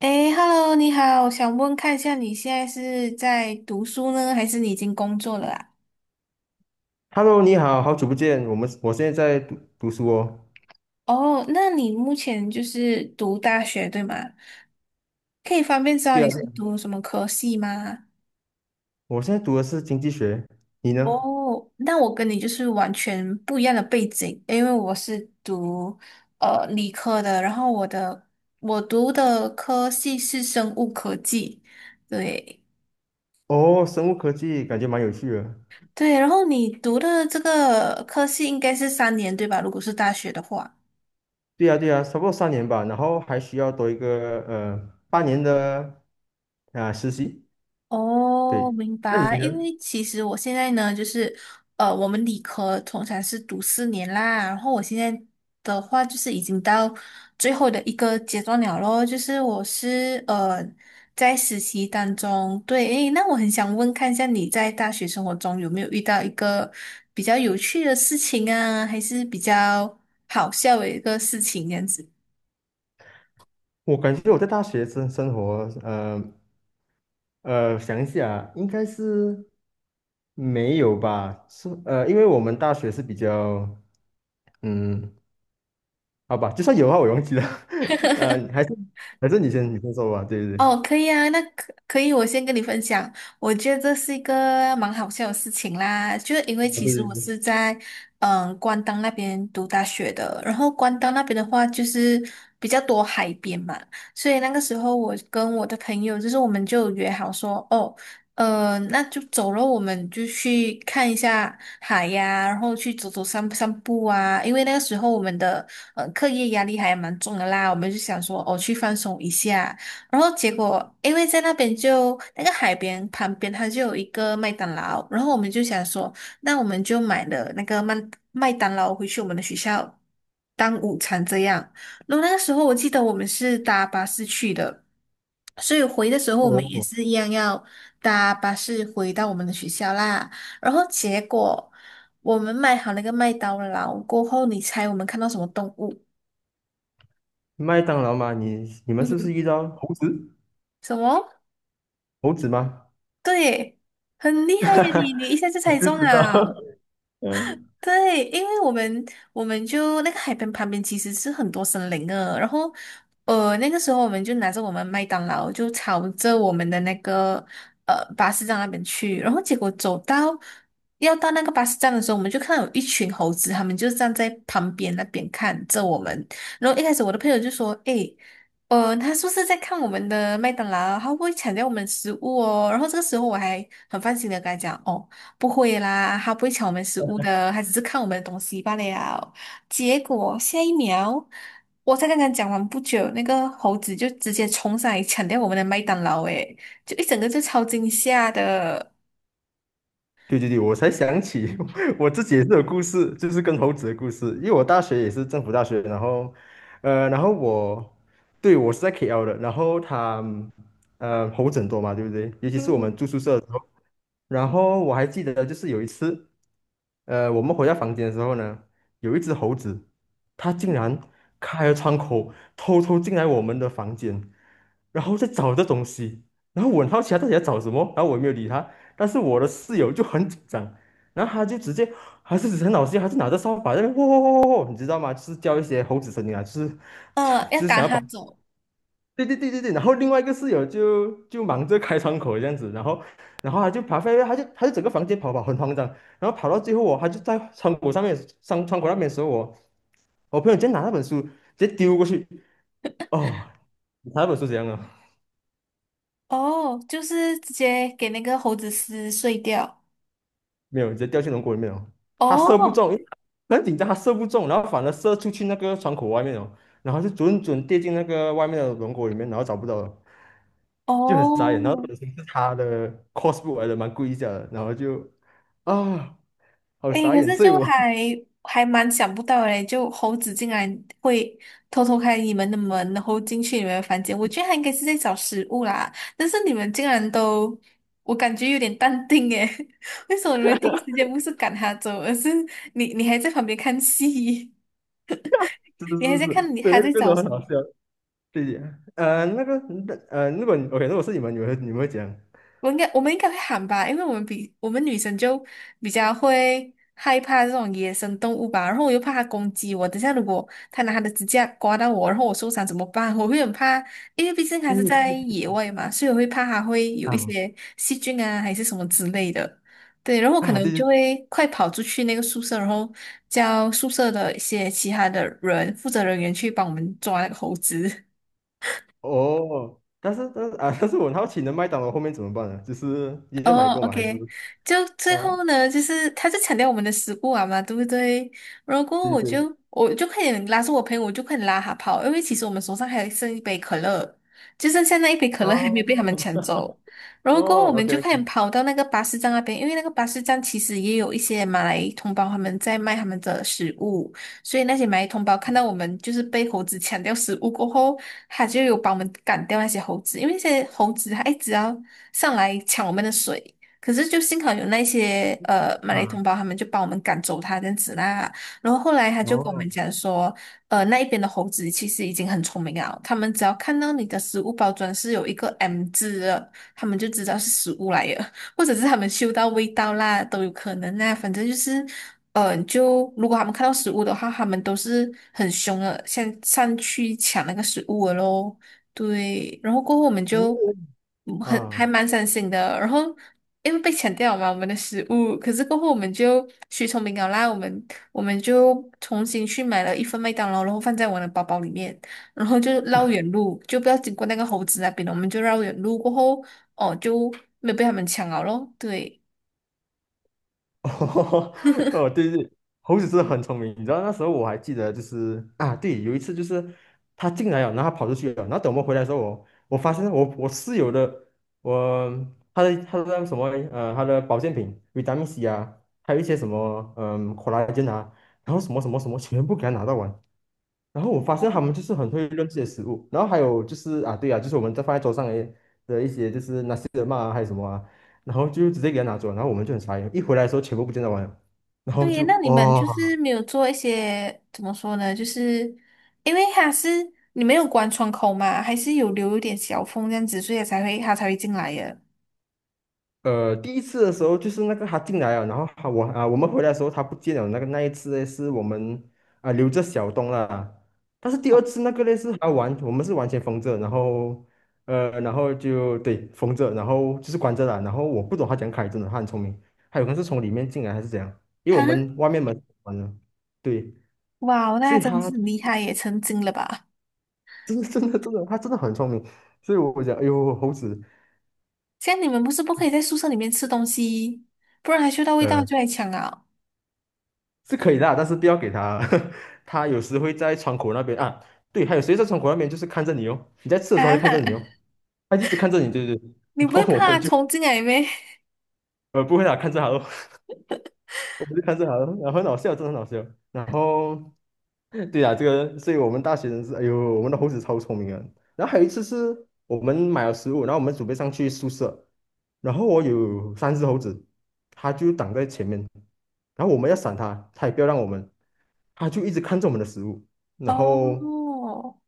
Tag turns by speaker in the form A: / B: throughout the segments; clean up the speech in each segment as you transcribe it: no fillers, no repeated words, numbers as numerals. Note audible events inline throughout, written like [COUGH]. A: 诶 h e l l o 你好，我想问看一下你现在是在读书呢，还是你已经工作了啊？
B: Hello，你好，好久不见。我现在在读书哦。
A: 哦，那你目前就是读大学对吗？可以方便知道
B: 对啊，
A: 你是
B: 对啊，
A: 读什么科系吗？
B: 我现在读的是经济学，你呢？
A: 哦，那我跟你就是完全不一样的背景，因为我是读理科的，然后我读的科系是生物科技，对
B: 哦，生物科技感觉蛮有趣的。
A: 对。然后你读的这个科系应该是三年对吧？如果是大学的话。
B: 对啊，对啊，差不多三年吧，然后还需要多一个半年的啊、实习。
A: 哦，
B: 对，
A: 明
B: 那你
A: 白。
B: 呢？
A: 因为其实我现在呢，就是我们理科通常是读四年啦，然后我现在的话就是已经到最后的一个阶段了咯，就是我是在实习当中。对，诶，那我很想问看一下你在大学生活中有没有遇到一个比较有趣的事情啊，还是比较好笑的一个事情这样子？
B: 我感觉我在大学生活，呃想一下，应该是没有吧？是因为我们大学是比较嗯好吧，就算有的话我也忘记了。[LAUGHS] 呃，还是还是你先说吧。对对对，
A: 哦，可以啊，那可以，我先跟你分享，我觉得这是一个蛮好笑的事情啦，就是因为
B: 哦
A: 其
B: 对
A: 实
B: 对
A: 我
B: 对。
A: 是在关岛那边读大学的，然后关岛那边的话就是比较多海边嘛，所以那个时候我跟我的朋友就是我们就约好说，哦，那就走了，我们就去看一下海呀，然后去走走散散步啊，因为那个时候我们的课业压力还蛮重的啦，我们就想说哦去放松一下。然后结果，因为在那边就那个海边旁边，它就有一个麦当劳，然后我们就想说，那我们就买了那个麦当劳回去我们的学校当午餐这样。然后那个时候我记得我们是搭巴士去的，所以回的时候我们也
B: 哦，
A: 是一样要搭巴士回到我们的学校啦。然后结果我们买好那个麦当劳过后，你猜我们看到什么动物？
B: 麦当劳吗？你们是不是
A: 嗯，
B: 遇到猴子？
A: 什么？
B: 猴子吗？
A: 对，很厉害耶你，你一下就
B: 我
A: 猜
B: 就
A: 中
B: 知道，
A: 了。
B: [LAUGHS] 嗯，
A: 对，因为我们就那个海边旁边其实是很多森林的，然后那个时候我们就拿着我们麦当劳就朝着我们的那个巴士站那边去，然后结果走到要到那个巴士站的时候，我们就看到有一群猴子，他们就站在旁边那边看着我们，然后一开始我的朋友就说：“诶。”呃，他是不是在看我们的麦当劳，他会不会抢掉我们的食物哦。然后这个时候我还很放心的跟他讲，哦。不会啦，他不会抢我们食物的，他只是看我们的东西罢了。结果下一秒，我才刚刚讲完不久，那个猴子就直接冲上来抢掉我们的麦当劳，诶，就一整个就超惊吓的。
B: 对对对，我才想起 [LAUGHS] 我自己也是有故事，就是跟猴子的故事。因为我大学也是政府大学，然后，然后我，对，我是在 KL 的，然后他，猴子很多嘛，对不对？尤其是我们住宿舍的时候，然后我还记得就是有一次。我们回到房间的时候呢，有一只猴子，它竟然开了窗口，偷偷进来我们的房间，然后在找这东西。然后我很好奇它到底在找什么，然后我也没有理它。但是我的室友就很紧张，然后他就直接还是很老实，还是拿着扫把在那边喔喔喔喔，你知道吗？就是叫一些猴子声音啊，就是
A: [LAUGHS]
B: [LAUGHS]
A: 要
B: 就是
A: 赶
B: 想要把。
A: 他走。
B: 对对对对对，然后另外一个室友就忙着开窗口这样子，然后他就爬飞，他就整个房间跑跑很慌张，然后跑到最后哦，他就在窗口上面上窗口那边的时候我朋友直接拿那本书直接丢过去，哦，你猜那本书怎样啊？
A: 哦，就是直接给那个猴子撕碎掉。
B: 没有，直接掉进龙骨里面哦。他射不
A: 哦。
B: 中，因为很紧张，他射不中，然后反而射出去那个窗口外面哦，然后就准准跌进那个外面的龙骨里面，然后找不到了，就很傻
A: 哦，
B: 眼。然后本身是他的 cosplay 来的，蛮贵一下的，然后就啊，好
A: 诶，
B: 傻
A: 可
B: 眼。
A: 是
B: 所以
A: 就
B: 我
A: 还
B: [LAUGHS]
A: 还蛮想不到诶，就猴子竟然会偷偷开你们的门，然后进去你们的房间。我觉得他应该是在找食物啦，但是你们竟然都，我感觉有点淡定诶。[LAUGHS] 为什么你们第一时间不是赶它走，而是你还在旁边看戏。[LAUGHS]
B: 是是
A: 你还在
B: 是是，
A: 看你
B: 所以
A: 还
B: 那
A: 在
B: 个真
A: 找
B: 的
A: 什
B: 很
A: 么？
B: 好笑。对，那个如果你 OK，如果是你们，你们会讲，
A: 我们应该会喊吧，因为我们女生就比较会害怕这种野生动物吧，然后我又怕它攻击我，等下如果它拿它的指甲刮到我，然后我受伤怎么办？我会很怕，因为毕竟它是在
B: 嗯
A: 野外嘛，所以我会怕它会有一
B: 啊
A: 些细菌啊，还是什么之类的。对，然后我可
B: 啊，
A: 能
B: 对
A: 就
B: 对
A: 会快跑出去那个宿舍，然后叫宿舍的一些其他的人负责人员去帮我们抓那个猴子。
B: 哦，但是但是啊，[LAUGHS] 但是我很好奇，那麦当劳后面怎么办呢？就是你也买
A: 哦
B: 过吗？还是
A: ，OK,就最
B: 嗯，
A: 后呢，就是他就强调我们的食物啊嘛，对不对？然后
B: 对对
A: 我
B: 对
A: 就我就快点拉住我朋友，我就快点拉他跑，因为其实我们手上还剩一杯可乐，就剩下那一杯可乐还没有被他们抢
B: 哦
A: 走。然后过后我
B: 哦
A: 们就
B: ，OK
A: 快点跑到那个巴士站那边，因为那个巴士站其实也有一些马来同胞他们在卖他们的食物。所以那些蚂蚁同胞看到我们就是被猴子抢掉食物过后，他就有帮我们赶掉那些猴子，因为那些猴子它一直要上来抢我们的水。可是就幸好有那些马来
B: 啊，
A: 同胞，他们就帮我们赶走它这样子啦。然后后来他就跟我们
B: 哦
A: 讲说，那一边的猴子其实已经很聪明了，他们只要看到你的食物包装是有一个 M 字的，他们就知道是食物来的。或者是他们嗅到味道啦，都有可能啊。反正就是，就如果他们看到食物的话，他们都是很凶的，先上去抢那个食物了咯。对，然后过后我们
B: 哦
A: 就很还
B: 啊，
A: 蛮伤心的，然后因为被抢掉了嘛，我们的食物，可是过后我们就学聪明了啦，我们就重新去买了一份麦当劳，然后放在我的包包里面。然后就绕远路，就不要经过那个猴子那边了，我们就绕远路过后，哦，就没有被他们抢了咯。对。
B: 哦，[LAUGHS] 哦对对，猴子真的很聪明。你知道那时候我还记得，就是啊，对，有一次就是他进来了，然后他跑出去了，然后等我们回来的时候，我发现我室友的我他的那个什么他的保健品维他命 C 啊，还有一些什么c o l l 啊，然后什么什么什么全部给他拿到完。然后我发现他们就是很会认这些食物，然后还有就是啊，对啊，就是我们在放在桌上的的一些就是那些的嘛，还有什么啊，然后就直接给他拿走，然后我们就很傻眼，一回来的时候全部不见得完了然后
A: 对，
B: 就
A: 那你
B: 哇，
A: 们就
B: 哦
A: 是没有做一些怎么说呢？就是因为它是你没有关窗口嘛，还是有留一点小缝这样子，所以它才会进来耶。
B: 第一次的时候就是那个他进来了，然后他我啊，我们回来的时候他不见了。那个那一次呢，是我们啊留着小东了。但是第二次那个呢是他完，我们是完全封着，然后然后就对封着，然后就是关着了。然后我不懂他讲样开，真的他很聪明，他有可能是从里面进来还是怎样，因为
A: 哈，
B: 我们外面门是关了，对，
A: 哇，
B: 所
A: 那
B: 以
A: 真
B: 他
A: 是很厉害
B: [LAUGHS]
A: 耶，成精了吧？
B: 真的真的真的他真的很聪明，所以我讲，哎呦，猴子。
A: 像你们不是不可以在宿舍里面吃东西，不然它嗅到味道
B: 呃，
A: 就来抢啊！
B: 是可以的啊但是不要给他，[LAUGHS] 他有时会在窗口那边啊，对，还有谁在窗口那边就是看着你哦，你在吃
A: [LAUGHS]
B: 的
A: 啊，
B: 时候他就看着你哦，他一直看着你，对对对，[LAUGHS]
A: 你
B: 然
A: 不
B: 后
A: 会
B: 我
A: 怕
B: 们就
A: 虫进来咩？
B: 不会啦，看着他哦我们就看这好了，然后很好笑，真的很好笑。然后，对呀、这个，所以我们大学生是，哎呦，我们的猴子超聪明啊。然后还有一次是我们买了食物，然后我们准备上去宿舍，然后我有三只猴子，它就挡在前面，然后我们要闪它，它也不要让我们，它就一直看着我们的食物，
A: [LAUGHS]
B: 然后
A: 哦。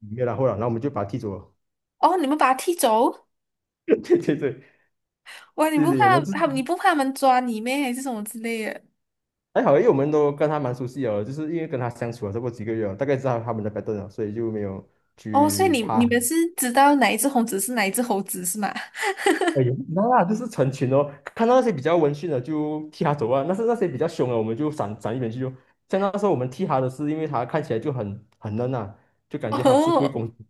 B: 没有然后了，然后我们就把它踢走了。
A: 哦，你们把他踢走？
B: [LAUGHS] 对对对
A: 哇，你
B: 对
A: 不
B: 对，我
A: 怕
B: 们是。
A: 他们你不怕他们抓你咩？还是什么之类的？
B: 还好，因为我们都跟他蛮熟悉哦，就是因为跟他相处了这么几个月哦大概知道他们的 p a 了，所以就没有
A: 哦，所以
B: 去
A: 你你
B: 怕。
A: 们是知道哪一只猴子是吗？
B: 哎呦，那啦，就是成群哦，看到那些比较温驯的就替他走啊，那是那些比较凶的我们就闪闪一边去就。像那时候我们替他的是，因为他看起来就很嫩啊，就
A: [LAUGHS]
B: 感觉他是不会
A: 哦。
B: 攻击。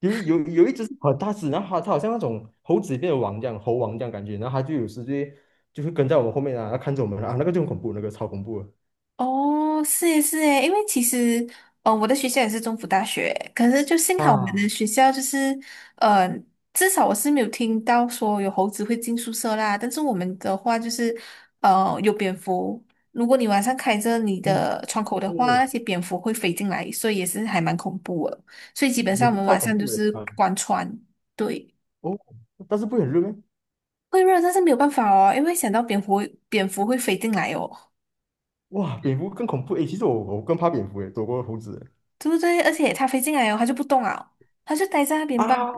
B: 有一有有一只是很大只，然后它好像那种猴子里面的王这样，猴王这样感觉，然后它就有时就会跟在我们后面啊，它看着我们啊，那个就很恐怖，那个超恐怖的。
A: 哦，是诶是诶，因为其实，我的学校也是中府大学，可是就幸好我们的
B: 啊，
A: 学校就是，呃，至少我是没有听到说有猴子会进宿舍啦。但是我们的话就是，有蝙蝠，如果你晚上开着你
B: 嗯，
A: 的窗口的话，那些蝙蝠会飞进来，所以也是还蛮恐怖的。所以基本
B: 也
A: 上我
B: 是
A: 们
B: 超
A: 晚
B: 恐
A: 上就
B: 怖的
A: 是
B: 啊！
A: 关窗。对，
B: 哦，但是不会很热咩？
A: 会热，但是没有办法哦，因为想到蝙蝠，蝙蝠会飞进来哦。
B: 哇，蝙蝠更恐怖诶！其实我更怕蝙蝠诶，躲过猴子诶
A: 对不对？而且它飞进来哦，它就不动啊，它就待在那边罢了。
B: 啊，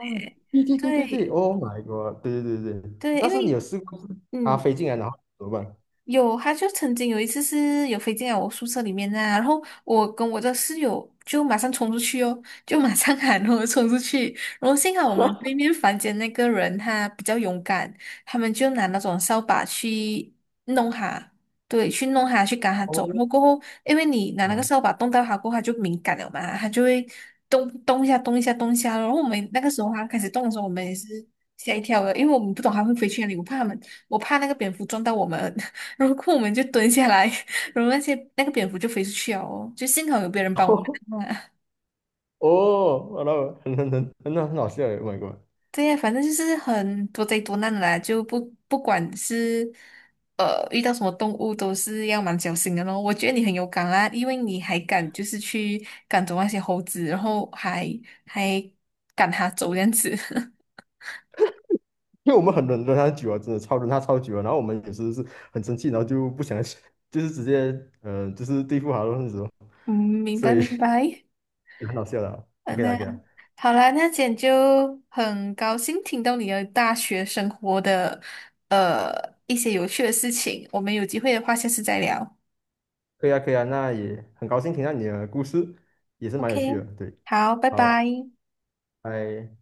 B: 对对对对对
A: 对
B: ，Oh my god！对对对对，
A: 对，
B: 但
A: 因
B: 是你
A: 为
B: 有试过就是它
A: 嗯，
B: 飞进来然后怎么办？
A: 有，他就曾经有一次是有飞进来我宿舍里面呐、然后我跟我的室友就马上冲出去哦，就马上喊，然后冲出去，然后幸好我们对面房间那个人他比较勇敢，他们就拿那种扫把去弄他，对，去弄他，去赶他走，然后
B: 哦
A: 过后，因为你拿那个
B: 啊
A: 扫把动到他过后，他就敏感了嘛，他就会动一下动一下，动一下，然后我们那个时候他开始动的时候，我们也是吓一跳的，因为我们不懂他会飞去哪里，我怕那个蝙蝠撞到我们，然后我们就蹲下来。[LAUGHS] 然后那个蝙蝠就飞出去了哦，就幸好有别人
B: [LAUGHS]
A: 帮我们
B: 哦
A: 看啊。
B: 哦，然后很好笑诶！Oh my god！
A: [LAUGHS] 对呀，反正就是很多灾多难的啦，就不管是遇到什么动物都是要蛮小心的咯。我觉得你很有敢啊，因为你还敢就是去赶走那些猴子，然后还赶它走这样子。[LAUGHS]
B: 因为我们很忍了它久了，真的超忍它超久了，然后我们有时是很生气，然后就不想就是直接嗯，就是对付它那种，
A: 嗯，明
B: 所
A: 白
B: 以
A: 明白。
B: [LAUGHS] 很好笑的啊
A: 哎
B: OK
A: 妈
B: 啦，OK
A: 呀，
B: 啦。
A: 好啦，那今天就很高兴听到你的大学生活的呃一些有趣的事情，我们有机会的话下次再聊。
B: 可以啊，可以啊，那也很高兴听到你的故事，也是蛮有趣的。
A: OK，
B: 对，
A: 好，拜
B: 好，
A: 拜。
B: 拜。